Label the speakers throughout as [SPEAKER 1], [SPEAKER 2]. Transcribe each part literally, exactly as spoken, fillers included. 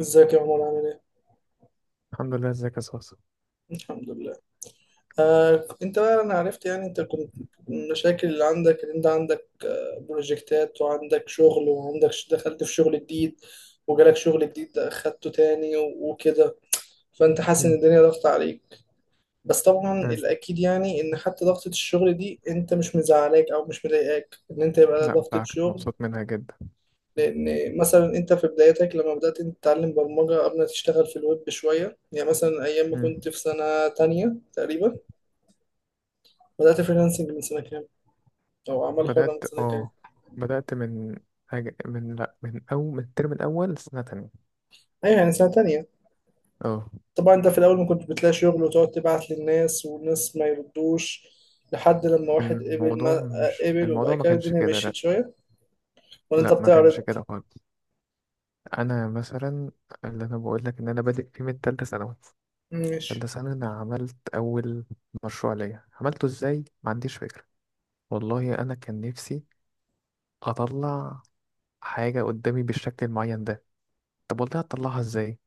[SPEAKER 1] ازيك يا عمر عامل ايه؟
[SPEAKER 2] الحمد لله، ازيك يا صاصة؟
[SPEAKER 1] الحمد لله. آه، انت بقى انا عرفت يعني انت كنت المشاكل اللي عندك ان انت عندك بروجكتات وعندك شغل وعندك ش- دخلت في شغل جديد، وجالك شغل جديد ده اخدته تاني و- وكده، فانت حاسس ان
[SPEAKER 2] مم.
[SPEAKER 1] الدنيا ضغط عليك. بس طبعا
[SPEAKER 2] أيوة.
[SPEAKER 1] الاكيد يعني ان حتى ضغطة الشغل دي انت مش مزعلاك او مش مضايقاك ان انت يبقى
[SPEAKER 2] لا،
[SPEAKER 1] ضغطة
[SPEAKER 2] بقى
[SPEAKER 1] شغل.
[SPEAKER 2] مبسوط منها جدا.
[SPEAKER 1] لان مثلا انت في بدايتك لما بدأت انت تتعلم برمجة قبل ما تشتغل في الويب شوية، يعني مثلا ايام ما
[SPEAKER 2] مم.
[SPEAKER 1] كنت في سنة تانية تقريبا. بدأت فريلانسنج من سنة كام؟ أو أعمال حرة من
[SPEAKER 2] بدأت
[SPEAKER 1] سنة كام؟
[SPEAKER 2] اه بدأت من حاجة، من، لا، من أول، من الترم الأول سنة تانية.
[SPEAKER 1] أيوة يعني سنة تانية.
[SPEAKER 2] اه
[SPEAKER 1] طبعا أنت في الأول ما كنت بتلاقي شغل وتقعد تبعت للناس والناس ما يردوش لحد لما واحد، قبل
[SPEAKER 2] الموضوع،
[SPEAKER 1] ما
[SPEAKER 2] مش،
[SPEAKER 1] قبل
[SPEAKER 2] الموضوع
[SPEAKER 1] وبقى
[SPEAKER 2] ما
[SPEAKER 1] كده
[SPEAKER 2] كانش
[SPEAKER 1] الدنيا
[SPEAKER 2] كده،
[SPEAKER 1] مشيت
[SPEAKER 2] لا.
[SPEAKER 1] شوية، ولا أنت
[SPEAKER 2] لا، ما كانش
[SPEAKER 1] بتعرض؟
[SPEAKER 2] كده خالص. أنا مثلا، اللي أنا بقول لك إن أنا بادئ فيه من تالتة ثانوي. تالتة
[SPEAKER 1] ماشي،
[SPEAKER 2] ثانوي أنا عملت أول مشروع ليا، عملته إزاي ما عنديش فكرة. والله أنا كان نفسي أطلع حاجة قدامي بالشكل المعين ده. طب والله هتطلعها إزاي؟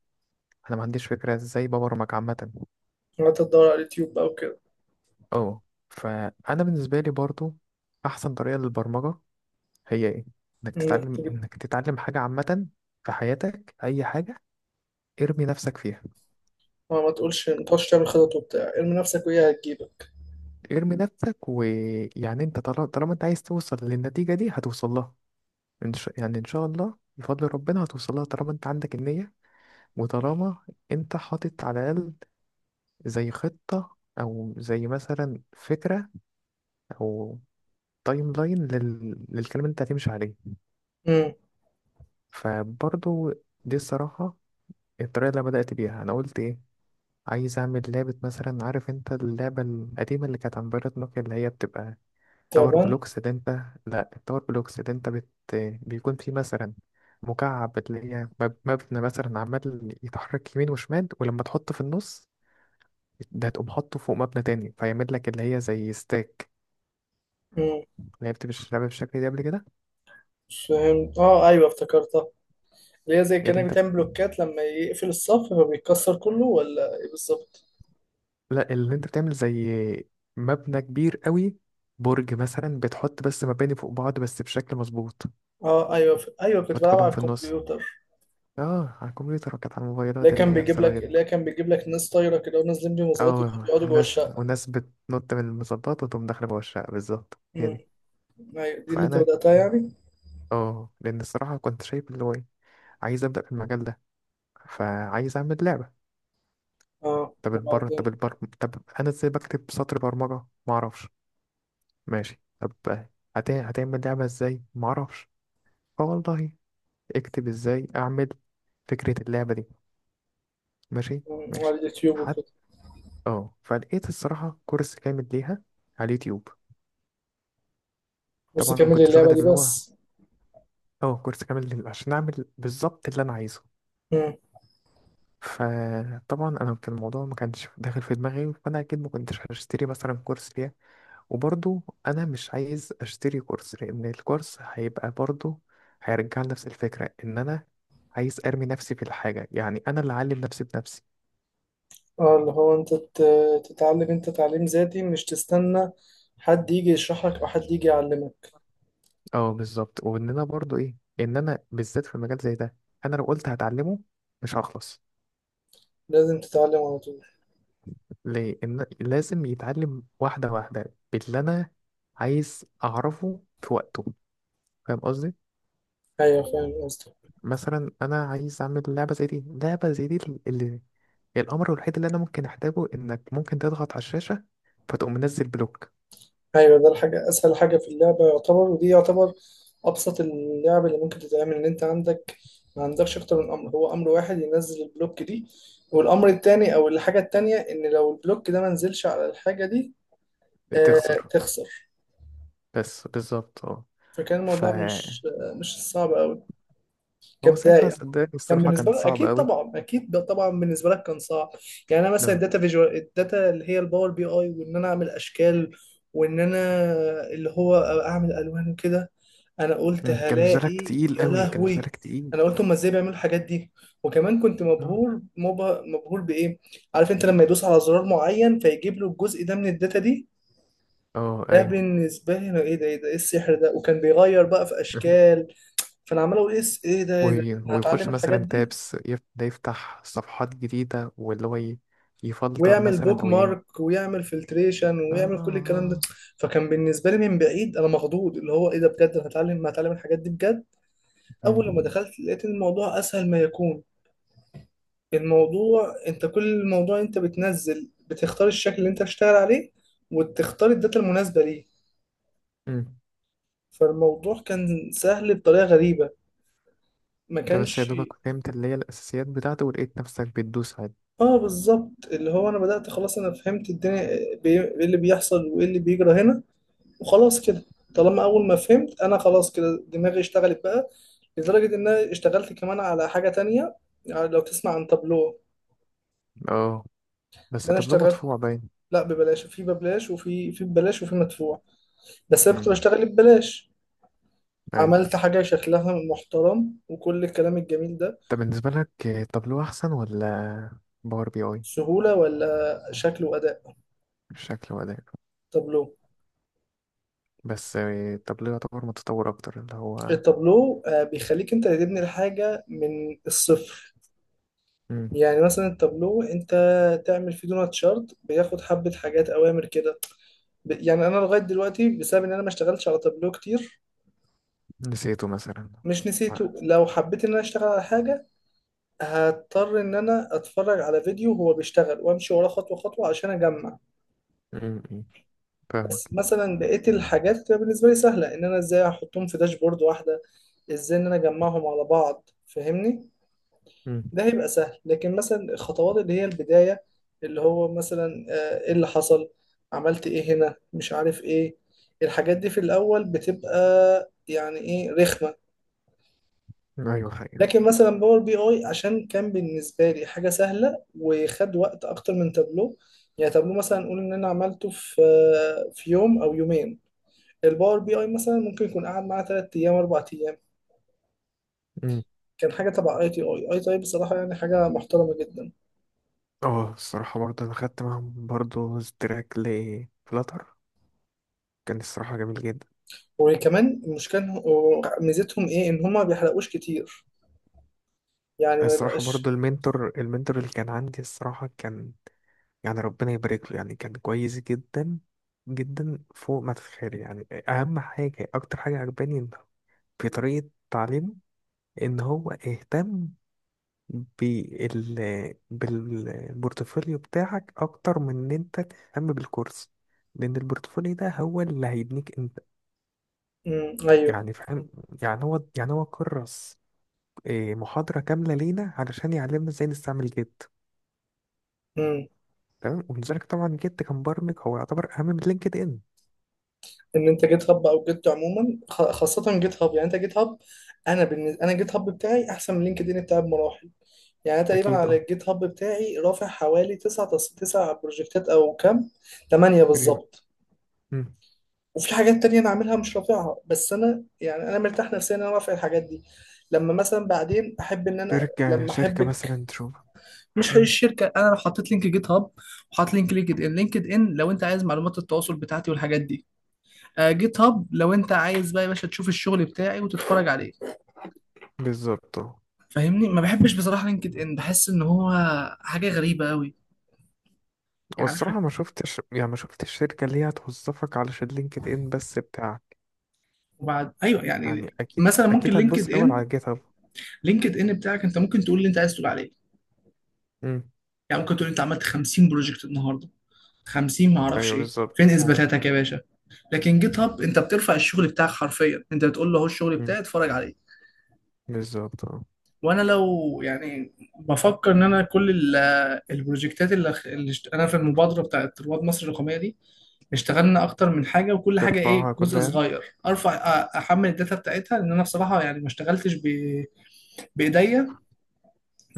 [SPEAKER 2] انا ما عنديش فكره ازاي ببرمج عامه.
[SPEAKER 1] وقعدت تدور على اليوتيوب بقى وكده.
[SPEAKER 2] اه فانا بالنسبه لي برضو، احسن طريقه للبرمجه هي ايه؟ انك
[SPEAKER 1] إنك
[SPEAKER 2] تتعلم
[SPEAKER 1] تجيب،
[SPEAKER 2] انك تتعلم حاجه عامه في حياتك، اي حاجه ارمي نفسك فيها.
[SPEAKER 1] ما ما تقولش ما تقعدش تعمل خطط وبتاع، ارمي نفسك وهي هتجيبك.
[SPEAKER 2] ارمي نفسك، ويعني انت طالما طالما انت عايز توصل للنتيجه دي هتوصل لها. إن شاء... يعني ان شاء الله، بفضل ربنا هتوصل لها طالما انت عندك النيه. وطالما انت حاطط على الاقل زي خطه، او زي مثلا فكره، او تايم لاين لل... للكلام اللي انت هتمشي عليه.
[SPEAKER 1] امم.
[SPEAKER 2] فبرضو، دي الصراحة الطريقة اللي أنا بدأت بيها. أنا قلت إيه؟ عايز أعمل لعبة مثلا. عارف أنت اللعبة القديمة اللي كانت عن بيرت نوكيا اللي هي بتبقى تاور
[SPEAKER 1] تعبان؟
[SPEAKER 2] بلوكس؟ اللي أنت لأ التاور بلوكس اللي أنت بت... بيكون فيه مثلا مكعب اللي هي مب- مبنى مثلا، عمال يتحرك يمين وشمال، ولما تحطه في النص ده تقوم حاطه فوق مبنى تاني فيعمل لك اللي هي زي ستاك.
[SPEAKER 1] امم.
[SPEAKER 2] لعبت مش لعبة بالشكل ده قبل كده؟
[SPEAKER 1] فهمت، اه ايوه افتكرتها. اللي هي زي
[SPEAKER 2] اللي
[SPEAKER 1] كأنك
[SPEAKER 2] أنت
[SPEAKER 1] بتعمل بلوكات لما يقفل الصف فبيتكسر كله، ولا ايه بالظبط؟
[SPEAKER 2] لا، اللي انت بتعمل زي مبنى كبير قوي، برج مثلا، بتحط بس مباني فوق بعض بس بشكل مظبوط.
[SPEAKER 1] اه ايوه، ف... ايوه كنت
[SPEAKER 2] حط
[SPEAKER 1] بلعب
[SPEAKER 2] كلهم
[SPEAKER 1] على
[SPEAKER 2] في النص.
[SPEAKER 1] الكمبيوتر.
[SPEAKER 2] اه، على الكمبيوتر، وكانت على
[SPEAKER 1] اللي
[SPEAKER 2] الموبايلات اللي
[SPEAKER 1] كان
[SPEAKER 2] هي
[SPEAKER 1] بيجيب لك
[SPEAKER 2] بزراير.
[SPEAKER 1] اللي كان بيجيب لك ناس طايره كده ونازلين بمظلات
[SPEAKER 2] اه،
[SPEAKER 1] وبيقعدوا جوه
[SPEAKER 2] ناس
[SPEAKER 1] الشقه.
[SPEAKER 2] وناس بتنط من المظبط وتقوم داخله جوه الشقه، بالظبط، هي
[SPEAKER 1] امم،
[SPEAKER 2] دي.
[SPEAKER 1] ايوه دي اللي انت
[SPEAKER 2] فانا،
[SPEAKER 1] بداتها يعني.
[SPEAKER 2] اه لان الصراحه كنت شايف اللي هو ايه، عايز ابدا في المجال ده، فعايز اعمل لعبه.
[SPEAKER 1] اه
[SPEAKER 2] طب البر طب
[SPEAKER 1] وبعدين.
[SPEAKER 2] البر طب انا ازاي بكتب سطر برمجه، ما اعرفش. ماشي. طب هت... هتعمل لعبه ازاي ما اعرفش. فوالله، اكتب ازاي، اعمل فكرة اللعبة دي. ماشي.
[SPEAKER 1] مم. على
[SPEAKER 2] ماشي.
[SPEAKER 1] اليوتيوب
[SPEAKER 2] حتى،
[SPEAKER 1] وكده.
[SPEAKER 2] اه فلقيت الصراحة كورس كامل ليها على اليوتيوب.
[SPEAKER 1] بس
[SPEAKER 2] طبعا انا ما
[SPEAKER 1] كمل
[SPEAKER 2] كنتش واخد
[SPEAKER 1] اللعبه دي
[SPEAKER 2] اللي هو،
[SPEAKER 1] بس.
[SPEAKER 2] اه كورس كامل لل- عشان اعمل بالظبط اللي انا عايزه.
[SPEAKER 1] امم،
[SPEAKER 2] فطبعا انا كان الموضوع ما كانش داخل في دماغي، فانا اكيد ما كنتش هشتري مثلا كورس ليها. وبرضو انا مش عايز اشتري كورس، لان الكورس هيبقى برضو هيرجع لنفس الفكرة، ان انا عايز ارمي نفسي في الحاجة، يعني انا اللي اعلم نفسي بنفسي.
[SPEAKER 1] اه، اللي هو انت ت... تتعلم، انت تعليم ذاتي مش تستنى حد يجي يشرح لك او حد يجي يعلمك.
[SPEAKER 2] اه، بالظبط، وان انا برضو ايه، ان انا بالذات في مجال زي ده، انا لو قلت هتعلمه مش هخلص.
[SPEAKER 1] لازم تتعلم على طول.
[SPEAKER 2] لان لازم يتعلم واحده واحده باللي انا عايز اعرفه في وقته. فاهم قصدي؟
[SPEAKER 1] ايوه فاهم قصدك.
[SPEAKER 2] مثلا انا عايز اعمل لعبه زي دي، لعبه زي دي، اللي الامر الوحيد اللي انا ممكن احتاجه انك ممكن تضغط على الشاشه فتقوم منزل بلوك.
[SPEAKER 1] ايوه ده الحاجه، اسهل حاجه في اللعبه يعتبر، ودي يعتبر ابسط اللعب اللي ممكن تتعمل. ان انت عندك ما عندكش اكتر من امر، هو امر واحد ينزل البلوك دي، والامر التاني او الحاجه التانيه ان لو البلوك ده ما نزلش على الحاجه دي آه
[SPEAKER 2] تخسر،
[SPEAKER 1] تخسر.
[SPEAKER 2] بس بالظبط، اه.
[SPEAKER 1] فكان الموضوع
[SPEAKER 2] فهو
[SPEAKER 1] مش آه مش صعب قوي
[SPEAKER 2] ساعتها
[SPEAKER 1] كبدايه.
[SPEAKER 2] صدقني،
[SPEAKER 1] كان
[SPEAKER 2] الصراحه،
[SPEAKER 1] بالنسبه
[SPEAKER 2] كان
[SPEAKER 1] لك
[SPEAKER 2] صعب
[SPEAKER 1] اكيد،
[SPEAKER 2] قوي.
[SPEAKER 1] طبعا اكيد، ده طبعا بالنسبه لك كان صعب. يعني انا مثلا
[SPEAKER 2] ده.
[SPEAKER 1] الداتا فيجوال، الداتا اللي هي الباور بي اي، وان انا اعمل اشكال، وان انا اللي هو اعمل الوان وكده. انا قلت
[SPEAKER 2] مم، كان مزالك
[SPEAKER 1] هلاقي
[SPEAKER 2] تقيل
[SPEAKER 1] يا
[SPEAKER 2] قوي، كان
[SPEAKER 1] لهوي،
[SPEAKER 2] مزالك تقيل.
[SPEAKER 1] انا قلت هما ازاي بيعملوا الحاجات دي. وكمان كنت
[SPEAKER 2] اه.
[SPEAKER 1] مبهور مبه... مبهور بايه؟ عارف انت لما يدوس على زرار معين فيجيب له الجزء ده من الداتا دي،
[SPEAKER 2] آه،
[SPEAKER 1] ده
[SPEAKER 2] ايوه.
[SPEAKER 1] بالنسبه لي انا ايه ده ايه ده ايه السحر ده، وكان بيغير بقى في اشكال. فانا عمال اقول ايه الس- ايه ده ايه ده.
[SPEAKER 2] وي-
[SPEAKER 1] أنا
[SPEAKER 2] ويخش
[SPEAKER 1] هتعلم الحاجات
[SPEAKER 2] مثلا
[SPEAKER 1] دي،
[SPEAKER 2] تابس، يف- ده يفتح صفحات جديدة، واللي هو ي- يفلتر
[SPEAKER 1] ويعمل
[SPEAKER 2] مثلا،
[SPEAKER 1] بوك
[SPEAKER 2] او ي...
[SPEAKER 1] مارك ويعمل فلتريشن
[SPEAKER 2] اه.
[SPEAKER 1] ويعمل كل الكلام ده.
[SPEAKER 2] آه.
[SPEAKER 1] فكان بالنسبه لي من بعيد انا مخضوض، اللي هو ايه ده بجد، أنا هتعلم هتعلم الحاجات دي بجد. اول لما
[SPEAKER 2] مم.
[SPEAKER 1] دخلت لقيت إن الموضوع اسهل ما يكون. الموضوع انت كل موضوع انت بتنزل بتختار الشكل اللي انت هتشتغل عليه، وتختار الداتا المناسبة ليه.
[SPEAKER 2] مم.
[SPEAKER 1] فالموضوع كان سهل بطريقة غريبة، ما
[SPEAKER 2] ده بس يا
[SPEAKER 1] كانش.
[SPEAKER 2] دوبك فهمت اللي هي الأساسيات بتاعته، ولقيت نفسك بتدوس عادي.
[SPEAKER 1] اه بالظبط، اللي هو انا بدأت خلاص، انا فهمت الدنيا بي- ايه اللي بيحصل وايه اللي بيجرى هنا، وخلاص كده. طالما اول ما فهمت انا خلاص كده دماغي اشتغلت بقى، لدرجة ان انا اشتغلت كمان على حاجة تانية. يعني لو تسمع عن تابلو،
[SPEAKER 2] اه،
[SPEAKER 1] ده
[SPEAKER 2] بس
[SPEAKER 1] انا
[SPEAKER 2] التابلو
[SPEAKER 1] اشتغلت.
[SPEAKER 2] مدفوع باين.
[SPEAKER 1] لا ببلاش، في ببلاش وفي في ببلاش وفي مدفوع، بس انا كنت
[SPEAKER 2] مم.
[SPEAKER 1] بشتغل ببلاش.
[SPEAKER 2] أيوة.
[SPEAKER 1] عملت حاجة شكلها محترم وكل الكلام الجميل ده.
[SPEAKER 2] طب بالنسبة لك، آه، تابلو أحسن ولا باور بي أي؟
[SPEAKER 1] سهولة ولا شكل وأداء؟
[SPEAKER 2] شكل وأداء.
[SPEAKER 1] تابلو.
[SPEAKER 2] بس آه، التابلو يعتبر متطور أكتر اللي هو.
[SPEAKER 1] التابلو آه، بيخليك انت اللي تبني الحاجة من الصفر.
[SPEAKER 2] مم.
[SPEAKER 1] يعني مثلا التابلو انت تعمل فيه دونات شارت بياخد حبة حاجات اوامر كده. ب- يعني انا لغاية دلوقتي بسبب ان انا ما اشتغلتش على تابلو كتير.
[SPEAKER 2] نسيته مثلا؟
[SPEAKER 1] مش نسيته، لو حبيت ان انا اشتغل على حاجة هضطر ان انا اتفرج على فيديو هو بيشتغل وامشي وراه خطوة خطوة عشان اجمع.
[SPEAKER 2] مم. مم. فاهمك.
[SPEAKER 1] بس مثلا بقيت الحاجات بتبقى بالنسبه لي سهله، ان انا ازاي احطهم في داشبورد واحده، ازاي ان انا اجمعهم على بعض، فاهمني؟ ده هيبقى سهل. لكن مثلا الخطوات اللي هي البدايه، اللي هو مثلا آه، ايه اللي حصل، عملت ايه هنا، مش عارف ايه، الحاجات دي في الاول بتبقى يعني ايه رخمه.
[SPEAKER 2] ايوه، حقيقة.
[SPEAKER 1] لكن مثلا باور بي اي عشان كان بالنسبه لي حاجه سهله، وخد وقت اكتر من تابلو. يعني تابلو مثلا نقول ان انا عملته في آه، في يوم او يومين، الباور بي اي مثلا ممكن يكون قعد معاه تلات ايام اربع ايام.
[SPEAKER 2] أمم.
[SPEAKER 1] كان حاجه تبع اي تي اي اي تي اي بصراحه يعني حاجه محترمه جدا.
[SPEAKER 2] اه، الصراحة برضه انا خدت معاهم برضه تراك لفلاتر. كان الصراحة جميل جدا.
[SPEAKER 1] وكمان المشكله إن هو- ميزتهم ايه ان هما ما بيحرقوش كتير، يعني ما
[SPEAKER 2] الصراحة برضه
[SPEAKER 1] يبقاش.
[SPEAKER 2] المنتور المنتور اللي كان عندي الصراحة كان، يعني ربنا يبارك له، يعني كان كويس جدا، جدا فوق ما تتخيل. يعني اهم حاجة، اكتر حاجة عجباني إن في طريقة تعليمه ان هو اهتم بال بالبورتفوليو بتاعك اكتر من ان انت تهتم بالكورس، لان البورتفوليو ده هو اللي هيبنيك.
[SPEAKER 1] امم، ايوه،
[SPEAKER 2] يعني فاهم؟ يعني هو، يعني هو كرس إيه، محاضرة كاملة لينا علشان يعلمنا ازاي نستعمل جيت.
[SPEAKER 1] امم.
[SPEAKER 2] تمام، ولذلك طبعا جيت كمبرمج هو يعتبر أهم من لينكد إن.
[SPEAKER 1] ان انت جيت هاب او جيت عموما، خ- خاصه جيت هاب، يعني انت جيت هاب. انا بالنسبه انا جيت هاب بتاعي احسن من لينكد ان بتاعي بمراحل. يعني أنا تقريبا
[SPEAKER 2] أكيد،
[SPEAKER 1] على
[SPEAKER 2] أه.
[SPEAKER 1] الجيت هاب بتاعي رافع حوالي تسع تسع بروجكتات او كام، تمانية
[SPEAKER 2] فري-
[SPEAKER 1] بالظبط.
[SPEAKER 2] مم.
[SPEAKER 1] وفي حاجات تانية أنا عاملها مش رافعها، بس أنا يعني أنا مرتاح نفسيا إن أنا رافع الحاجات دي لما مثلا بعدين أحب إن أنا
[SPEAKER 2] شركة،
[SPEAKER 1] لما
[SPEAKER 2] شركة
[SPEAKER 1] أحبك.
[SPEAKER 2] مثلا تشوف.
[SPEAKER 1] مش هي
[SPEAKER 2] مم.
[SPEAKER 1] الشركة، أنا لو حطيت لينك جيت هاب وحاطط لينك لينكد إن لينكد إن لو أنت عايز معلومات التواصل بتاعتي والحاجات دي. آه جيت هاب لو أنت عايز بقى يا باشا تشوف الشغل بتاعي وتتفرج عليه.
[SPEAKER 2] بالظبط، أه.
[SPEAKER 1] فاهمني، ما بحبش بصراحة لينكد إن، بحس إن هو حاجة غريبة أوي، يعني عارف.
[SPEAKER 2] والصراحة، ما شفتش يعني ما شفتش الشركة اللي هي هتوظفك علشان لينكد إن بس بتاعك.
[SPEAKER 1] وبعد أيوه يعني.
[SPEAKER 2] يعني أكيد،
[SPEAKER 1] مثلا ممكن
[SPEAKER 2] أكيد هتبص
[SPEAKER 1] لينكد
[SPEAKER 2] الأول
[SPEAKER 1] إن
[SPEAKER 2] على جيت هاب.
[SPEAKER 1] لينكد إن بتاعك أنت ممكن تقول اللي أنت عايز تقول عليه.
[SPEAKER 2] مم.
[SPEAKER 1] يعني ممكن تقول أنت عملت خمسين بروجكت النهاردة، خمسين معرفش
[SPEAKER 2] أيوه،
[SPEAKER 1] ايه،
[SPEAKER 2] بالظبط،
[SPEAKER 1] فين
[SPEAKER 2] ممكن.
[SPEAKER 1] اثباتاتك يا باشا؟ لكن جيت هاب انت بترفع الشغل بتاعك حرفيا، انت بتقول له اهو الشغل
[SPEAKER 2] مم.
[SPEAKER 1] بتاعي اتفرج عليه.
[SPEAKER 2] بالظبط، أه.
[SPEAKER 1] وانا لو يعني بفكر ان انا كل ال- البروجكتات اللي, اللي اشت- انا في المبادره بتاعت رواد مصر الرقميه دي اشتغلنا اكتر من حاجه، وكل حاجه ايه
[SPEAKER 2] ترفعها
[SPEAKER 1] جزء
[SPEAKER 2] كلها،
[SPEAKER 1] صغير ارفع، أ- احمل الداتا بتاعتها لان انا بصراحه يعني ما اشتغلتش ب... بايديا.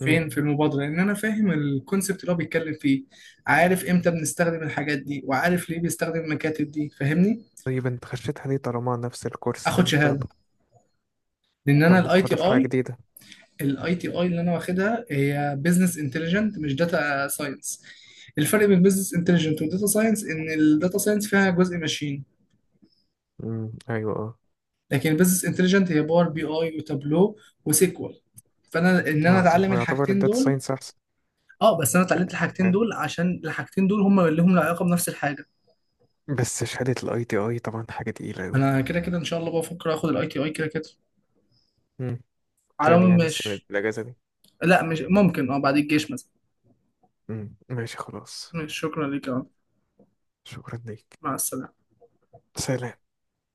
[SPEAKER 2] يعني.
[SPEAKER 1] فين في المبادره، لان انا فاهم الكونسبت اللي هو بيتكلم فيه، عارف امتى بنستخدم الحاجات دي وعارف ليه بيستخدم المكاتب دي، فاهمني؟
[SPEAKER 2] طيب انت خشيتها ليه، طالما نفس الكورس
[SPEAKER 1] اخد
[SPEAKER 2] تاني
[SPEAKER 1] شهاده،
[SPEAKER 2] بتاخده؟
[SPEAKER 1] لان
[SPEAKER 2] طب
[SPEAKER 1] انا
[SPEAKER 2] ما
[SPEAKER 1] الاي تي
[SPEAKER 2] تاخدها في حاجة
[SPEAKER 1] اي.
[SPEAKER 2] جديدة؟
[SPEAKER 1] الاي تي اي اللي انا واخدها هي بزنس انتليجنت مش داتا ساينس. الفرق بين بزنس انتليجنت وداتا ساينس ان الداتا ساينس فيها جزء ماشين،
[SPEAKER 2] امم ايوه، اه.
[SPEAKER 1] لكن البزنس انتليجنت هي باور بي اي وتابلو وسيكوال. فانا ان انا
[SPEAKER 2] يعت-
[SPEAKER 1] اتعلم
[SPEAKER 2] هو يعتبر
[SPEAKER 1] الحاجتين
[SPEAKER 2] الداتا
[SPEAKER 1] دول.
[SPEAKER 2] ساينس احسن؟
[SPEAKER 1] اه، بس انا اتعلمت
[SPEAKER 2] ك-
[SPEAKER 1] الحاجتين
[SPEAKER 2] ك-
[SPEAKER 1] دول عشان الحاجتين دول هم اللي هم لهم علاقه بنفس الحاجه.
[SPEAKER 2] بس شهادة الاي تي اي طبعا حاجة تقيلة اوي.
[SPEAKER 1] انا كده كده ان شاء الله بفكر اخد الاي تي اي كده كده.
[SPEAKER 2] امم.
[SPEAKER 1] على
[SPEAKER 2] تاني،
[SPEAKER 1] العموم
[SPEAKER 2] يعني السنة دي
[SPEAKER 1] ماشي.
[SPEAKER 2] الاجازة دي؟
[SPEAKER 1] لا مش ممكن، اه بعد الجيش مثلا.
[SPEAKER 2] امم، ماشي، خلاص.
[SPEAKER 1] ماشي، شكرا لك آه.
[SPEAKER 2] شكرا ليك.
[SPEAKER 1] مع السلامه.
[SPEAKER 2] سلام.